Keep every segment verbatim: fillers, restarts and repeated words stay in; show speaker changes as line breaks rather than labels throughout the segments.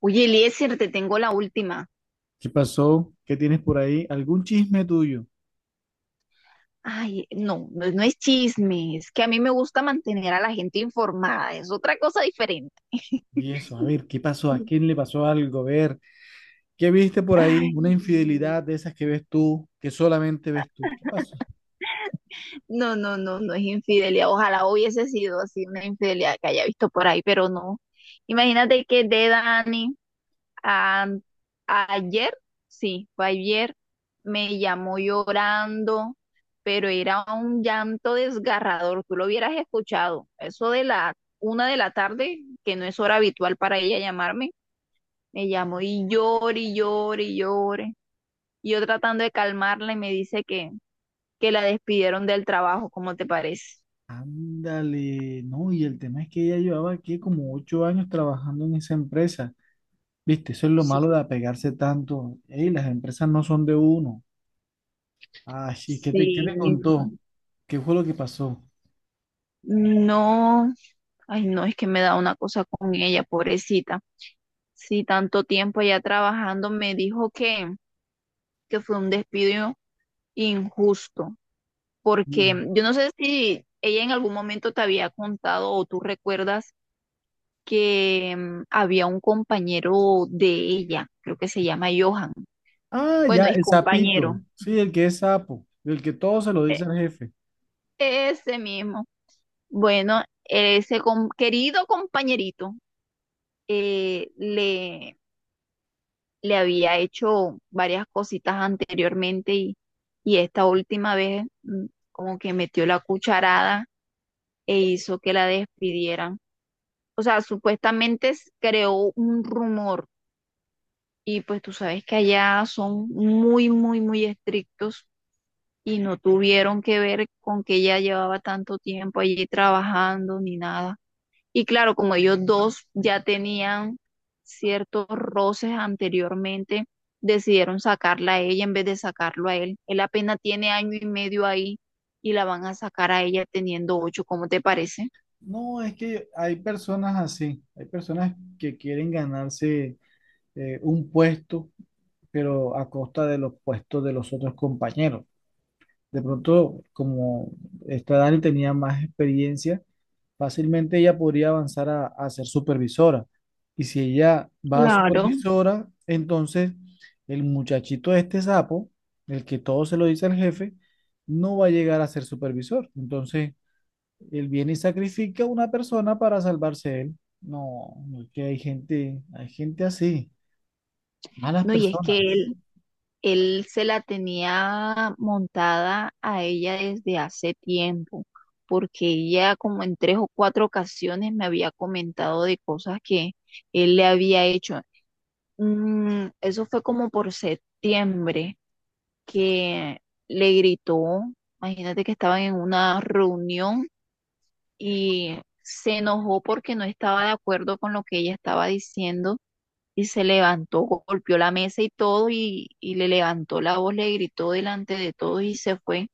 Oye, Eliezer, te tengo la última.
¿Qué pasó? ¿Qué tienes por ahí? ¿Algún chisme tuyo?
Ay, no, no, no es chisme, es que a mí me gusta mantener a la gente informada, es otra cosa diferente.
Y eso, a ver, ¿qué pasó? ¿A quién le pasó algo? A ver, ¿qué viste por ahí?
Ay,
Una infidelidad de esas que ves tú, que solamente ves tú. ¿Qué pasó?
no, no, no, no no es infidelidad. Ojalá hubiese sido así una infidelidad que haya visto por ahí, pero no. Imagínate que de Dani. Am- Ayer, sí, fue ayer, me llamó llorando, pero era un llanto desgarrador. Tú lo hubieras escuchado. Eso de la una de la tarde, que no es hora habitual para ella llamarme, me llamó y llore, y llore, y llore. Y yo tratando de calmarla y me dice que, que la despidieron del trabajo, ¿cómo te parece?
Ándale, no, y el tema es que ella llevaba aquí como ocho años trabajando en esa empresa. Viste, eso es lo
Sí,
malo de apegarse tanto. Ey, las empresas no son de uno. Ay, sí, ¿qué te, qué
sí,
te contó? ¿Qué fue lo que pasó?
no, ay no, es que me da una cosa con ella, pobrecita. Sí, tanto tiempo allá trabajando, me dijo que, que fue un despido injusto, porque
Mm.
yo no sé si ella en algún momento te había contado o tú recuerdas que mm, había un compañero de ella, creo que se llama Johan.
Ah,
Bueno,
ya,
es
el sapito.
compañero,
Sí, el que es sapo, el que todo se lo
e-
dice al jefe.
ese mismo. Bueno, ese com- querido compañerito eh, le le había hecho varias cositas anteriormente y, y esta última vez, mm, como que metió la cucharada e hizo que la despidieran. O sea, supuestamente s- creó un rumor y pues tú sabes que allá son muy, muy, muy estrictos y no tuvieron que ver con que ella llevaba tanto tiempo allí trabajando ni nada. Y claro, como ellos dos ya tenían ciertos roces anteriormente, decidieron sacarla a ella en vez de sacarlo a él. Él apenas tiene año y medio ahí y la van a sacar a ella teniendo ocho, ¿cómo te parece?
No, es que hay personas así, hay personas que quieren ganarse eh, un puesto, pero a costa de los puestos de los otros compañeros. De pronto, como esta Dani tenía más experiencia, fácilmente ella podría avanzar a, a ser supervisora. Y si ella va a
Claro,
supervisora, entonces el muchachito este sapo, el que todo se lo dice al jefe, no va a llegar a ser supervisor. Entonces, él viene y sacrifica a una persona para salvarse él. No, no es que hay gente, hay gente así, malas
no, y es que
personas.
él, él se la tenía montada a ella desde hace tiempo, porque ella como en tres o cuatro ocasiones me había comentado de cosas que él le había hecho. Mm, eso fue como por septiembre que le gritó, imagínate que estaban en una reunión y se enojó porque no estaba de acuerdo con lo que ella estaba diciendo y se levantó, go- golpeó la mesa y todo y, y le levantó la voz, le gritó delante de todos y se fue.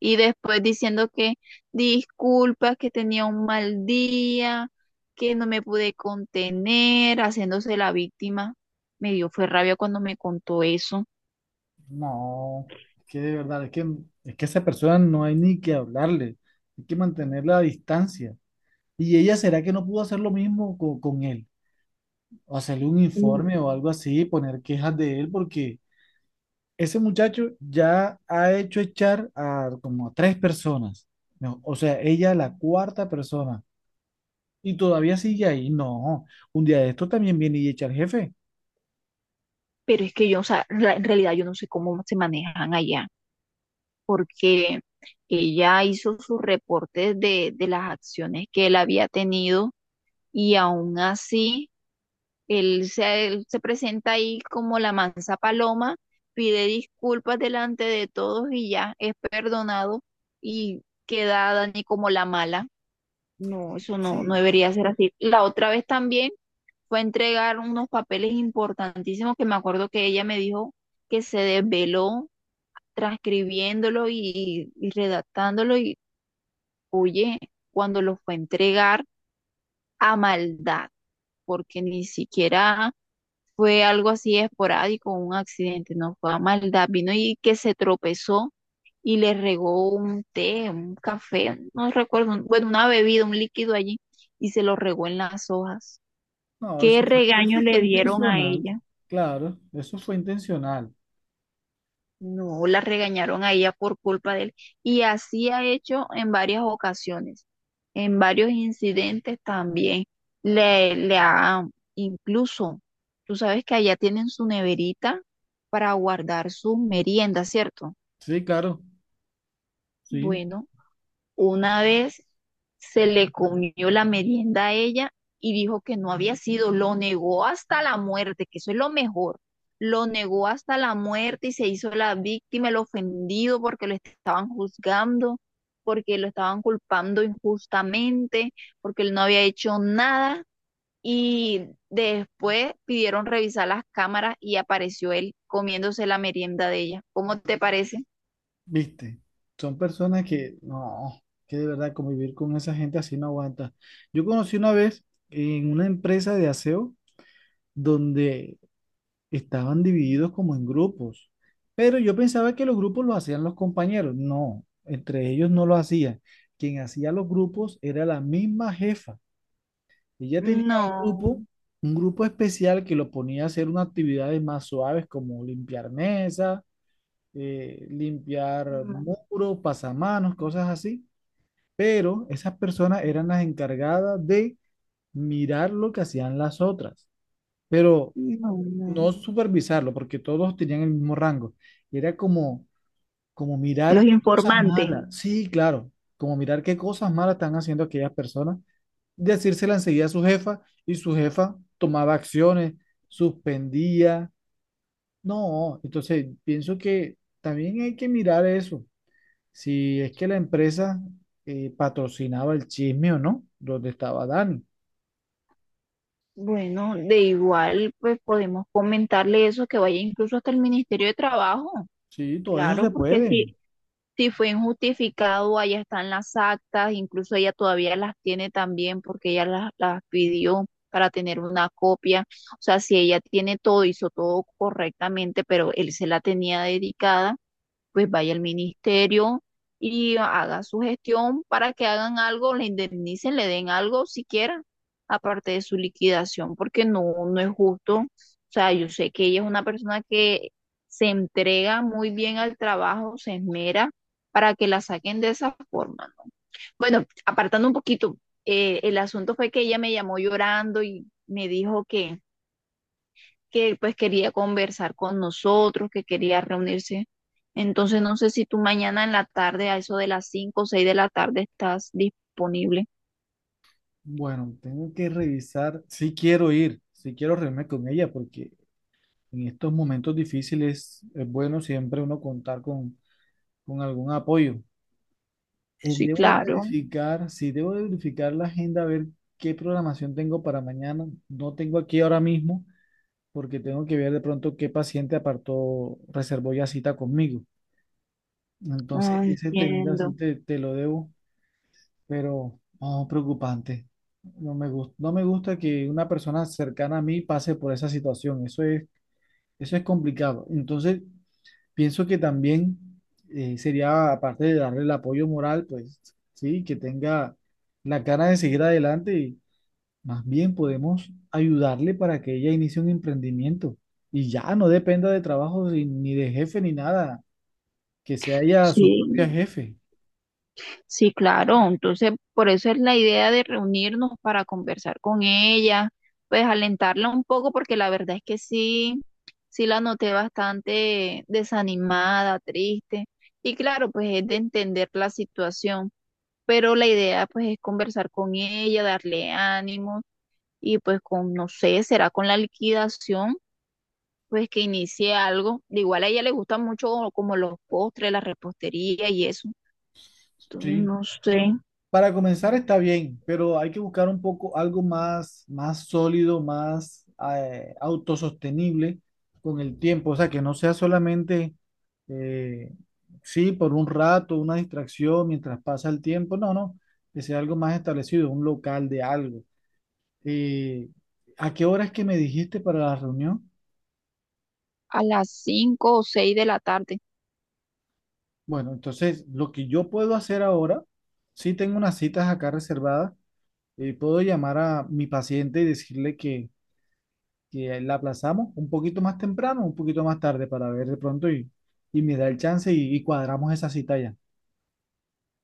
Y después diciendo que disculpa, que tenía un mal día, que no me pude contener, haciéndose la víctima. Me dio fue rabia cuando me contó eso.
No, es que de verdad, es que, es que a esa persona no hay ni que hablarle, hay que mantenerla a distancia. ¿Y ella será que no pudo hacer lo mismo co- con él? O hacerle un informe
Mm,
o algo así, poner quejas de él, porque ese muchacho ya ha hecho echar a como a tres personas. No, o sea, ella la cuarta persona. Y todavía sigue ahí. No, un día de esto también viene y echa al jefe.
pero es que yo, o sea, la- en realidad yo no sé cómo se manejan allá, porque ella hizo sus reportes de, de las acciones que él había tenido y aún así Él se, él se presenta ahí como la mansa paloma, pide disculpas delante de todos y ya es perdonado y queda Dani como la mala. No, eso no, no
Sí.
debería ser así. La otra vez también fue a entregar unos papeles importantísimos que me acuerdo que ella me dijo que se desveló transcribiéndolo y, y redactándolo y oye, cuando lo fue a entregar a maldad, porque ni siquiera fue algo así esporádico, un accidente, no fue a maldad, vino y que se tropezó y le regó un té, un café, no recuerdo, un- bueno, una bebida, un líquido allí, y se lo regó en las hojas.
No,
¿Qué
eso fue,
regaño
eso
le
fue
dieron a
intencional.
ella?
Claro, eso fue intencional.
No, la regañaron a ella por culpa de él. Y así ha hecho en varias ocasiones, en varios incidentes también. Le, le ha, incluso, tú sabes que allá tienen su neverita para guardar sus meriendas, ¿cierto?
Sí, claro, sí,
Bueno, una vez se le comió la merienda a ella y dijo que no había sido, lo negó hasta la muerte, que eso es lo mejor. Lo negó hasta la muerte y se hizo la víctima, el ofendido porque lo estaban juzgando, porque lo estaban culpando injustamente, porque él no había hecho nada. Y después pidieron revisar las cámaras y apareció él comiéndose la merienda de ella. ¿Cómo te parece?
viste. Son personas que no, que de verdad convivir con esa gente así no aguanta. Yo conocí una vez en una empresa de aseo donde estaban divididos como en grupos, pero yo pensaba que los grupos los hacían los compañeros. No, entre ellos no lo hacían. Quien hacía los grupos era la misma jefa. Ella tenía un
No,
grupo, un grupo especial que lo ponía a hacer unas actividades más suaves como limpiar mesas, eh, limpiar
no,
muros, pasamanos, cosas así. Pero esas personas eran las encargadas de mirar lo que hacían las otras. Pero
no, no.
no supervisarlo, porque todos tenían el mismo rango. Y era como, como mirar
Los
qué cosas
informantes.
malas, sí, claro, como mirar qué cosas malas están haciendo aquellas personas, decírsela enseguida a su jefa y su jefa tomaba acciones, suspendía. No, entonces pienso que también hay que mirar eso, si es que la empresa eh, patrocinaba el chisme o no, donde estaba Dani.
Bueno, de igual, pues podemos comentarle eso, que vaya incluso hasta el Ministerio de Trabajo.
Sí, todo eso
Claro,
se
porque
puede.
si, si fue injustificado, allá están las actas, incluso ella todavía las tiene también porque ella las, las pidió para tener una copia. O sea, si ella tiene todo, hizo todo correctamente, pero él se la tenía dedicada, pues vaya al ministerio y haga su gestión para que hagan algo, le indemnicen, le den algo siquiera, aparte de su liquidación, porque no, no es justo. O sea, yo sé que ella es una persona que se entrega muy bien al trabajo, se esmera para que la saquen de esa forma, ¿no? Bueno, apartando un poquito, eh, el asunto fue que ella me llamó llorando y me dijo que que pues quería conversar con nosotros, que quería reunirse. Entonces no sé si tú mañana en la tarde, a eso de las cinco, o seis de la tarde, estás disponible.
Bueno, tengo que revisar. Sí quiero ir, sí quiero reunirme con ella, porque en estos momentos difíciles es bueno siempre uno contar con, con algún apoyo. Eh,
Sí,
debo
claro.
verificar, sí, debo de verificar la agenda, a ver qué programación tengo para mañana. No tengo aquí ahora mismo, porque tengo que ver de pronto qué paciente apartó, reservó ya cita conmigo. Entonces,
Ah,
ese tema, Mm.
entiendo.
así te, te lo debo. Pero oh, preocupante. No me gusta, no me gusta que una persona cercana a mí pase por esa situación. Eso es, eso es complicado. Entonces, pienso que también, eh, sería, aparte de darle el apoyo moral, pues sí, que tenga la cara de seguir adelante y más bien podemos ayudarle para que ella inicie un emprendimiento y ya no dependa de trabajo ni ni de jefe ni nada, que sea ella su
Sí,
propia jefe.
sí, claro. Entonces, por eso es la idea de reunirnos para conversar con ella, pues alentarla un poco, porque la verdad es que sí, sí la noté bastante desanimada, triste. Y claro, pues es de entender la situación. Pero la idea pues es conversar con ella, darle ánimo y pues con, no sé, será con la liquidación, pues que inicie algo. De igual a ella le gustan mucho como los postres, la repostería y eso. Entonces,
Sí.
no sé,
Para comenzar está bien, pero hay que buscar un poco algo más, más sólido, más eh, autosostenible con el tiempo. O sea, que no sea solamente, eh, sí, por un rato, una distracción mientras pasa el tiempo. No, no, que sea algo más establecido, un local de algo. Eh, ¿a qué hora es que me dijiste para la reunión?
a las cinco o seis de la tarde.
Bueno, entonces lo que yo puedo hacer ahora, sí tengo unas citas acá reservadas, eh, puedo llamar a mi paciente y decirle que que la aplazamos un poquito más temprano, un poquito más tarde para ver de pronto y, y me da el chance y, y cuadramos esa cita ya.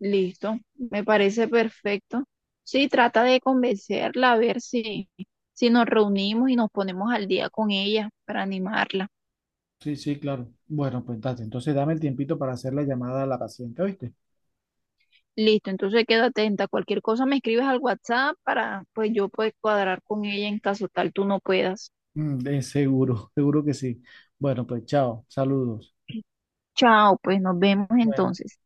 Listo, me parece perfecto. Sí, trata de convencerla a ver si, si nos reunimos y nos ponemos al día con ella para animarla.
Sí, sí, claro. Bueno, pues date. Entonces dame el tiempito para hacer la llamada a la paciente, ¿oíste?
Listo, entonces quedo atenta. Cualquier cosa me escribes al WhatsApp para pues yo poder cuadrar con ella en caso tal tú no puedas.
Mm, de seguro, seguro que sí. Bueno, pues chao, saludos.
Chao, pues nos vemos
Bueno.
entonces.